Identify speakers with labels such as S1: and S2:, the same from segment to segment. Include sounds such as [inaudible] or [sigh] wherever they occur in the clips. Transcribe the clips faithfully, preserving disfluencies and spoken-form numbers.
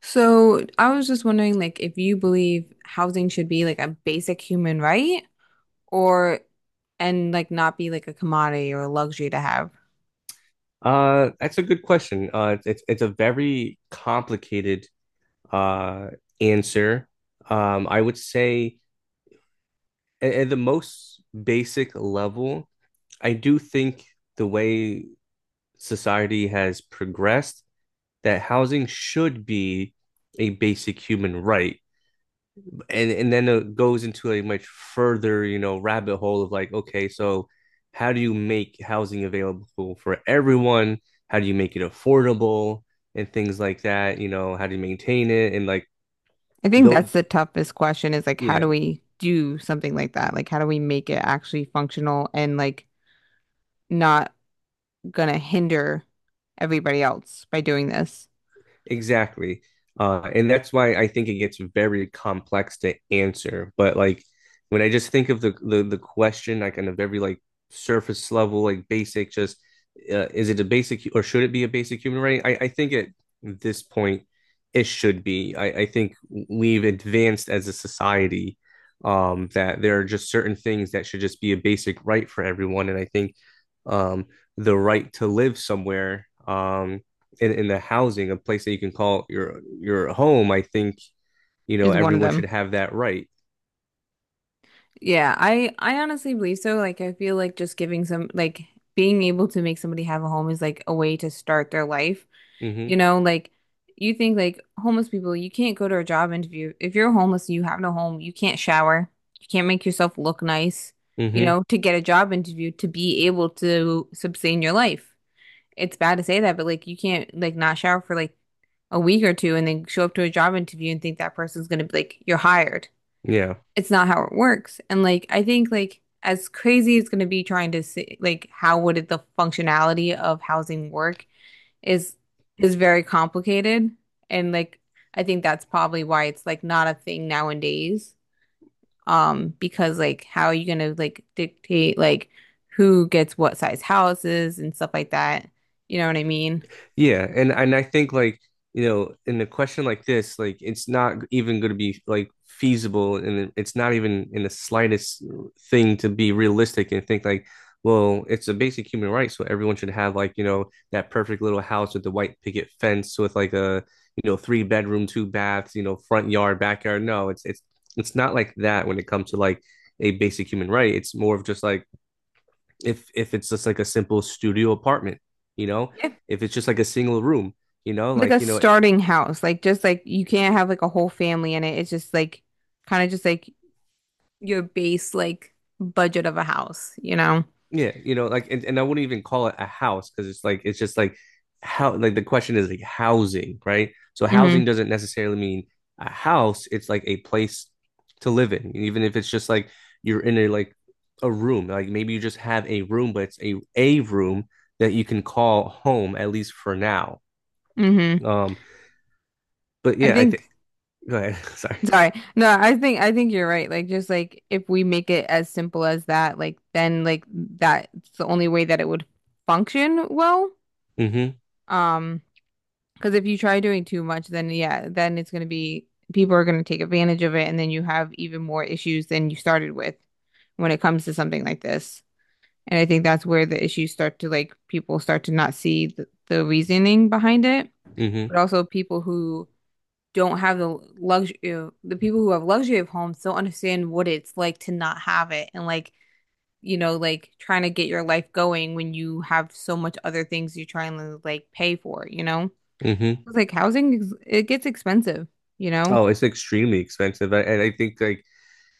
S1: So I was just wondering, like, if you believe housing should be like a basic human right or and like not be like a commodity or a luxury to have.
S2: Uh, that's a good question. Uh, it's it's, it's a very complicated uh answer. Um, I would say at, at the most basic level, I do think the way society has progressed, that housing should be a basic human right. and and then it goes into a much further, you know rabbit hole of like, okay, so how do you make housing available for everyone, how do you make it affordable and things like that, you know how do you maintain it, and like
S1: I think
S2: though,
S1: that's the toughest question is like, how
S2: yeah.
S1: do we do something like that? Like, how do we make it actually functional and like not gonna hinder everybody else by doing this?
S2: Exactly. Uh, and that's why I think it gets very complex to answer. But like, when I just think of the the, the question, like on a very like surface level, like basic, just uh, is it a basic hu- or should it be a basic human right? I, I think at this point it should be. I, I think we've advanced as a society, um, that there are just certain things that should just be a basic right for everyone. And I think, um, the right to live somewhere, um, in, in a housing, a place that you can call your your home, I think, you know,
S1: Is one of
S2: everyone should
S1: them.
S2: have that right.
S1: Yeah, I I honestly believe so. Like I feel like just giving some like being able to make somebody have a home is like a way to start their life.
S2: Mm-hmm.
S1: You know, like you think like homeless people, you can't go to a job interview. If you're homeless and you have no home, you can't shower. You can't make yourself look nice, you
S2: Mm-hmm.
S1: know, to get a job interview to be able to sustain your life. It's bad to say that, but like you can't like not shower for like a week or two and then show up to a job interview and think that person's gonna be like you're hired,
S2: Yeah.
S1: it's not how it works. And like I think like as crazy as it's going to be trying to see like how would it, the functionality of housing work is is very complicated. And like I think that's probably why it's like not a thing nowadays. Um, because like how are you gonna like dictate like who gets what size houses and stuff like that? You know what I mean?
S2: Yeah, and and I think like, you know, in a question like this, like it's not even going to be like feasible, and it's not even in the slightest thing to be realistic and think like, well, it's a basic human right, so everyone should have like, you know, that perfect little house with the white picket fence with like a, you know, three bedroom, two baths, you know, front yard, backyard. No, it's it's it's not like that when it comes to like a basic human right. It's more of just like, if if it's just like a simple studio apartment, you know,
S1: Yeah.
S2: if it's just like a single room, you know,
S1: Like a
S2: like you know,
S1: starting house. Like just like you can't have like a whole family in it. It's just like kind of just like your base like budget of a house, you know?
S2: yeah, you know, like and, and I wouldn't even call it a house because it's like it's just like how, like the question is like housing, right? So
S1: Hmm.
S2: housing doesn't necessarily mean a house, it's like a place to live in, even if it's just like you're in a like a room, like maybe you just have a room, but it's a a room that you can call home at least for now.
S1: Hmm.
S2: Um, but
S1: I
S2: yeah, I think,
S1: think,
S2: go ahead. [laughs] Sorry.
S1: sorry. No, I think I think you're right. Like just like if we make it as simple as that, like then like that's the only way that it would function well.
S2: Mm-hmm.
S1: Um, because if you try doing too much, then yeah, then it's gonna be people are gonna take advantage of it and then you have even more issues than you started with when it comes to something like this. And I think that's where the issues start to like people start to not see the, the reasoning behind it,
S2: Mm-hmm.
S1: but also people who don't have the luxury, you know, the people who have luxury of homes don't understand what it's like to not have it and like, you know, like trying to get your life going when you have so much other things you're trying to like pay for, you know?
S2: Mm-hmm.
S1: It's like housing, is- it gets expensive, you know,
S2: Oh, it's extremely expensive. I, and I think like,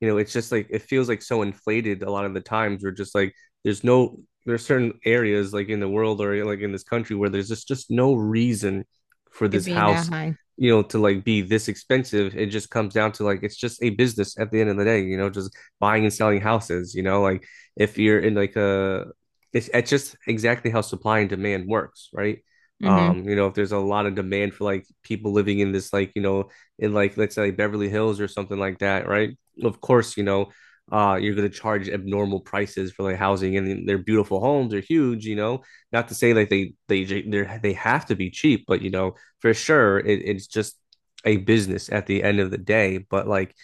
S2: you know, it's just like it feels like so inflated a lot of the times. We're just like, there's no, there's certain areas like in the world or like in this country where there's just just no reason for
S1: it
S2: this
S1: being that
S2: house,
S1: high.
S2: you know, to like be this expensive. It just comes down to like it's just a business at the end of the day, you know, just buying and selling houses. You know, like if you're in like a, it's, it's just exactly how supply and demand works, right?
S1: Hmm.
S2: Um you know, if there's a lot of demand for like people living in this, like, you know, in like let's say Beverly Hills or something like that, right, of course, you know, uh, you're going to charge abnormal prices for like housing, and their beautiful homes are huge, you know, not to say like they, they, they they have to be cheap, but you know, for sure it, it's just a business at the end of the day. But like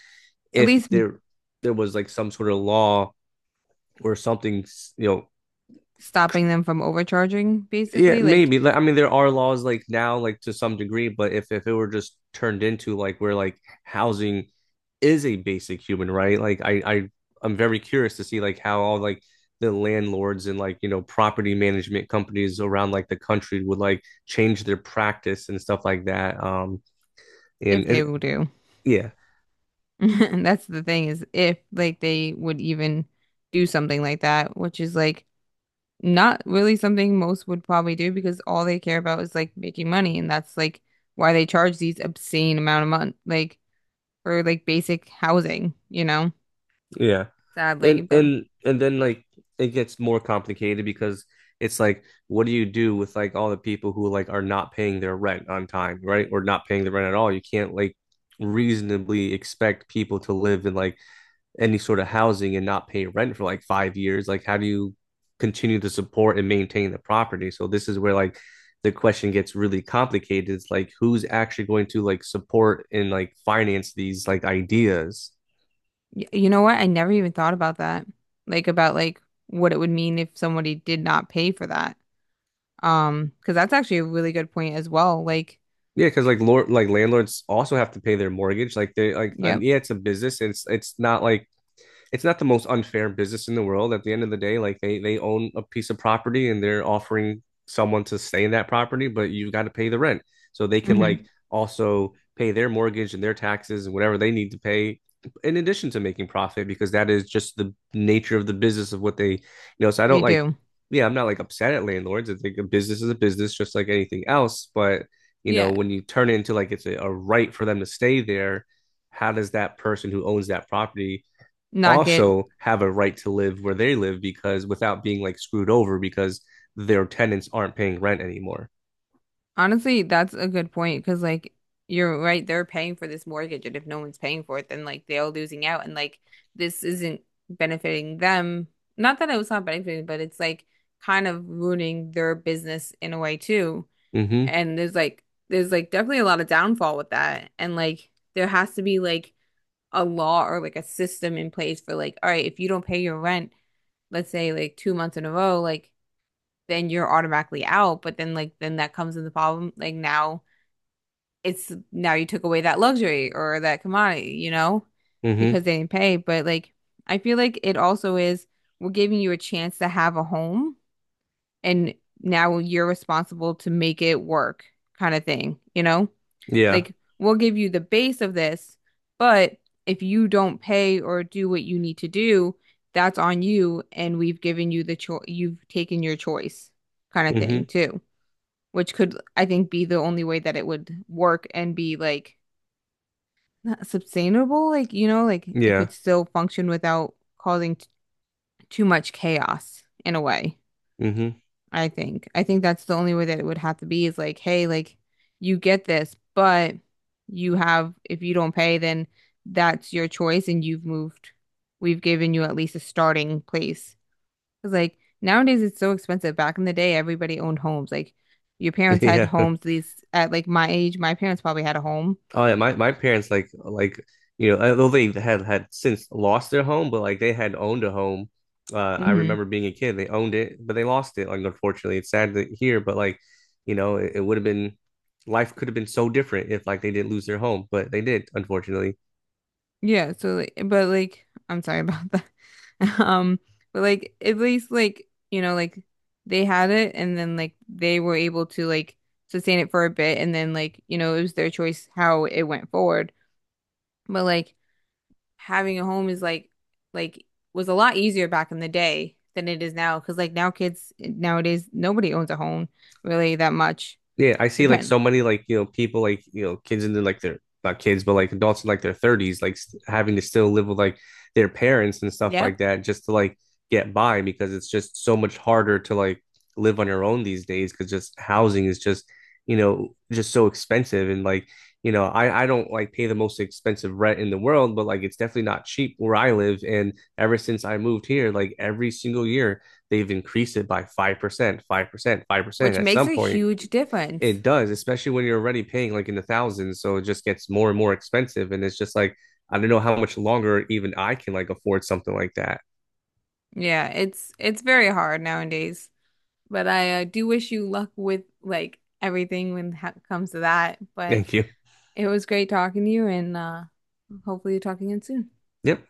S1: At
S2: if
S1: least
S2: there, there was like some sort of law or something, you know,
S1: stopping them from overcharging,
S2: yeah,
S1: basically, like
S2: maybe. Like, I mean, there are laws like now, like to some degree, but if if it were just turned into like where like housing is a basic human right, like I I I'm very curious to see like how all like the landlords and like, you know, property management companies around like the country would like change their practice and stuff like that. Um, and
S1: if they
S2: it,
S1: will do. [laughs]
S2: yeah,
S1: And that's the thing is if like they would even do something like that, which is like not really something most would probably do because all they care about is like making money and that's like why they charge these obscene amount of money like for like basic housing, you know,
S2: yeah.
S1: sadly.
S2: And
S1: But
S2: and and then like it gets more complicated because it's like, what do you do with like all the people who like are not paying their rent on time, right? Or not paying the rent at all. You can't like reasonably expect people to live in like any sort of housing and not pay rent for like five years. Like how do you continue to support and maintain the property? So this is where like the question gets really complicated. It's like, who's actually going to like support and like finance these like ideas?
S1: y you know what? I never even thought about that. Like about like what it would mean if somebody did not pay for that. Um, because that's actually a really good point as well. Like,
S2: Yeah, because like lord like landlords also have to pay their mortgage. Like they like, and
S1: yep.
S2: yeah, it's a business. And It's it's not like it's not the most unfair business in the world. At the end of the day, like they they own a piece of property and they're offering someone to stay in that property, but you got to pay the rent. So they can like
S1: Hmm.
S2: also pay their mortgage and their taxes and whatever they need to pay in addition to making profit, because that is just the nature of the business of what they, you know, so I
S1: They
S2: don't like,
S1: do.
S2: yeah, I'm not like upset at landlords. I think a business is a business just like anything else, but you know,
S1: Yeah.
S2: when you turn it into like it's a, a right for them to stay there, how does that person who owns that property
S1: Not get.
S2: also have a right to live where they live, because without being like screwed over because their tenants aren't paying rent anymore.
S1: Honestly, that's a good point because, like, you're right, they're paying for this mortgage, and if no one's paying for it, then like they're all losing out, and like this isn't benefiting them. Not that it was not benefiting, but it's like kind of ruining their business in a way too.
S2: Mm-hmm.
S1: And there's like, there's like definitely a lot of downfall with that. And like, there has to be like a law or like a system in place for like, all right, if you don't pay your rent, let's say like two months in a row, like, then you're automatically out. But then like, then that comes in the problem. Like, now it's now you took away that luxury or that commodity, you know, because
S2: Mm-hmm.
S1: they didn't pay. But like, I feel like it also is we're giving you a chance to have a home, and now you're responsible to make it work, kind of thing, you know?
S2: Yeah.
S1: Like, we'll give you the base of this, but if you don't pay or do what you need to do, that's on you, and we've given you the choice, you've taken your choice, kind of
S2: Mm-hmm.
S1: thing, too. Which could, I think, be the only way that it would work and be like not sustainable, like you know, like it could
S2: Yeah.
S1: still function without causing t too much chaos in a way,
S2: Mm-hmm.
S1: I think. I think that's the only way that it would have to be is like, hey, like you get this, but you have if you don't pay, then that's your choice and you've moved. We've given you at least a starting place. Cause like nowadays it's so expensive. Back in the day, everybody owned homes. Like your
S2: [laughs]
S1: parents had
S2: Yeah.
S1: homes, these at like my age, my parents probably had a home.
S2: Oh yeah. My my parents like like you know, although they had had since lost their home, but like they had owned a home. Uh, I
S1: Mm-hmm.
S2: remember being a kid. They owned it, but they lost it. Like, unfortunately, it's sad to hear, but like, you know, it, it would have been, life could have been so different if like they didn't lose their home, but they did, unfortunately.
S1: Yeah, so like, but like, I'm sorry about that. [laughs] Um, but like, at least like, you know, like they had it and then like they were able to like sustain it for a bit and then like, you know, it was their choice how it went forward. But like having a home is like like was a lot easier back in the day than it is now because like now kids nowadays nobody owns a home really that much.
S2: Yeah, I see like
S1: Depend.
S2: so many like, you know, people like, you know, kids in their like their not kids but like adults in like their thirties like st having to still live with like their parents and stuff like
S1: Yep.
S2: that just to like get by, because it's just so much harder to like live on your own these days, because just housing is just, you know, just so expensive, and like, you know, I I don't like pay the most expensive rent in the world, but like it's definitely not cheap where I live. And ever since I moved here, like every single year they've increased it by five percent, five percent, five percent.
S1: Which
S2: At
S1: makes
S2: some
S1: a
S2: point
S1: huge difference.
S2: it does, especially when you're already paying like in the thousands, so it just gets more and more expensive, and it's just like, I don't know how much longer even I can like afford something like that.
S1: Yeah, it's it's very hard nowadays. But I uh, do wish you luck with like everything when it ha- comes to that. But
S2: Thank you.
S1: it was great talking to you, and uh, hopefully, you're talking again soon.
S2: Yep.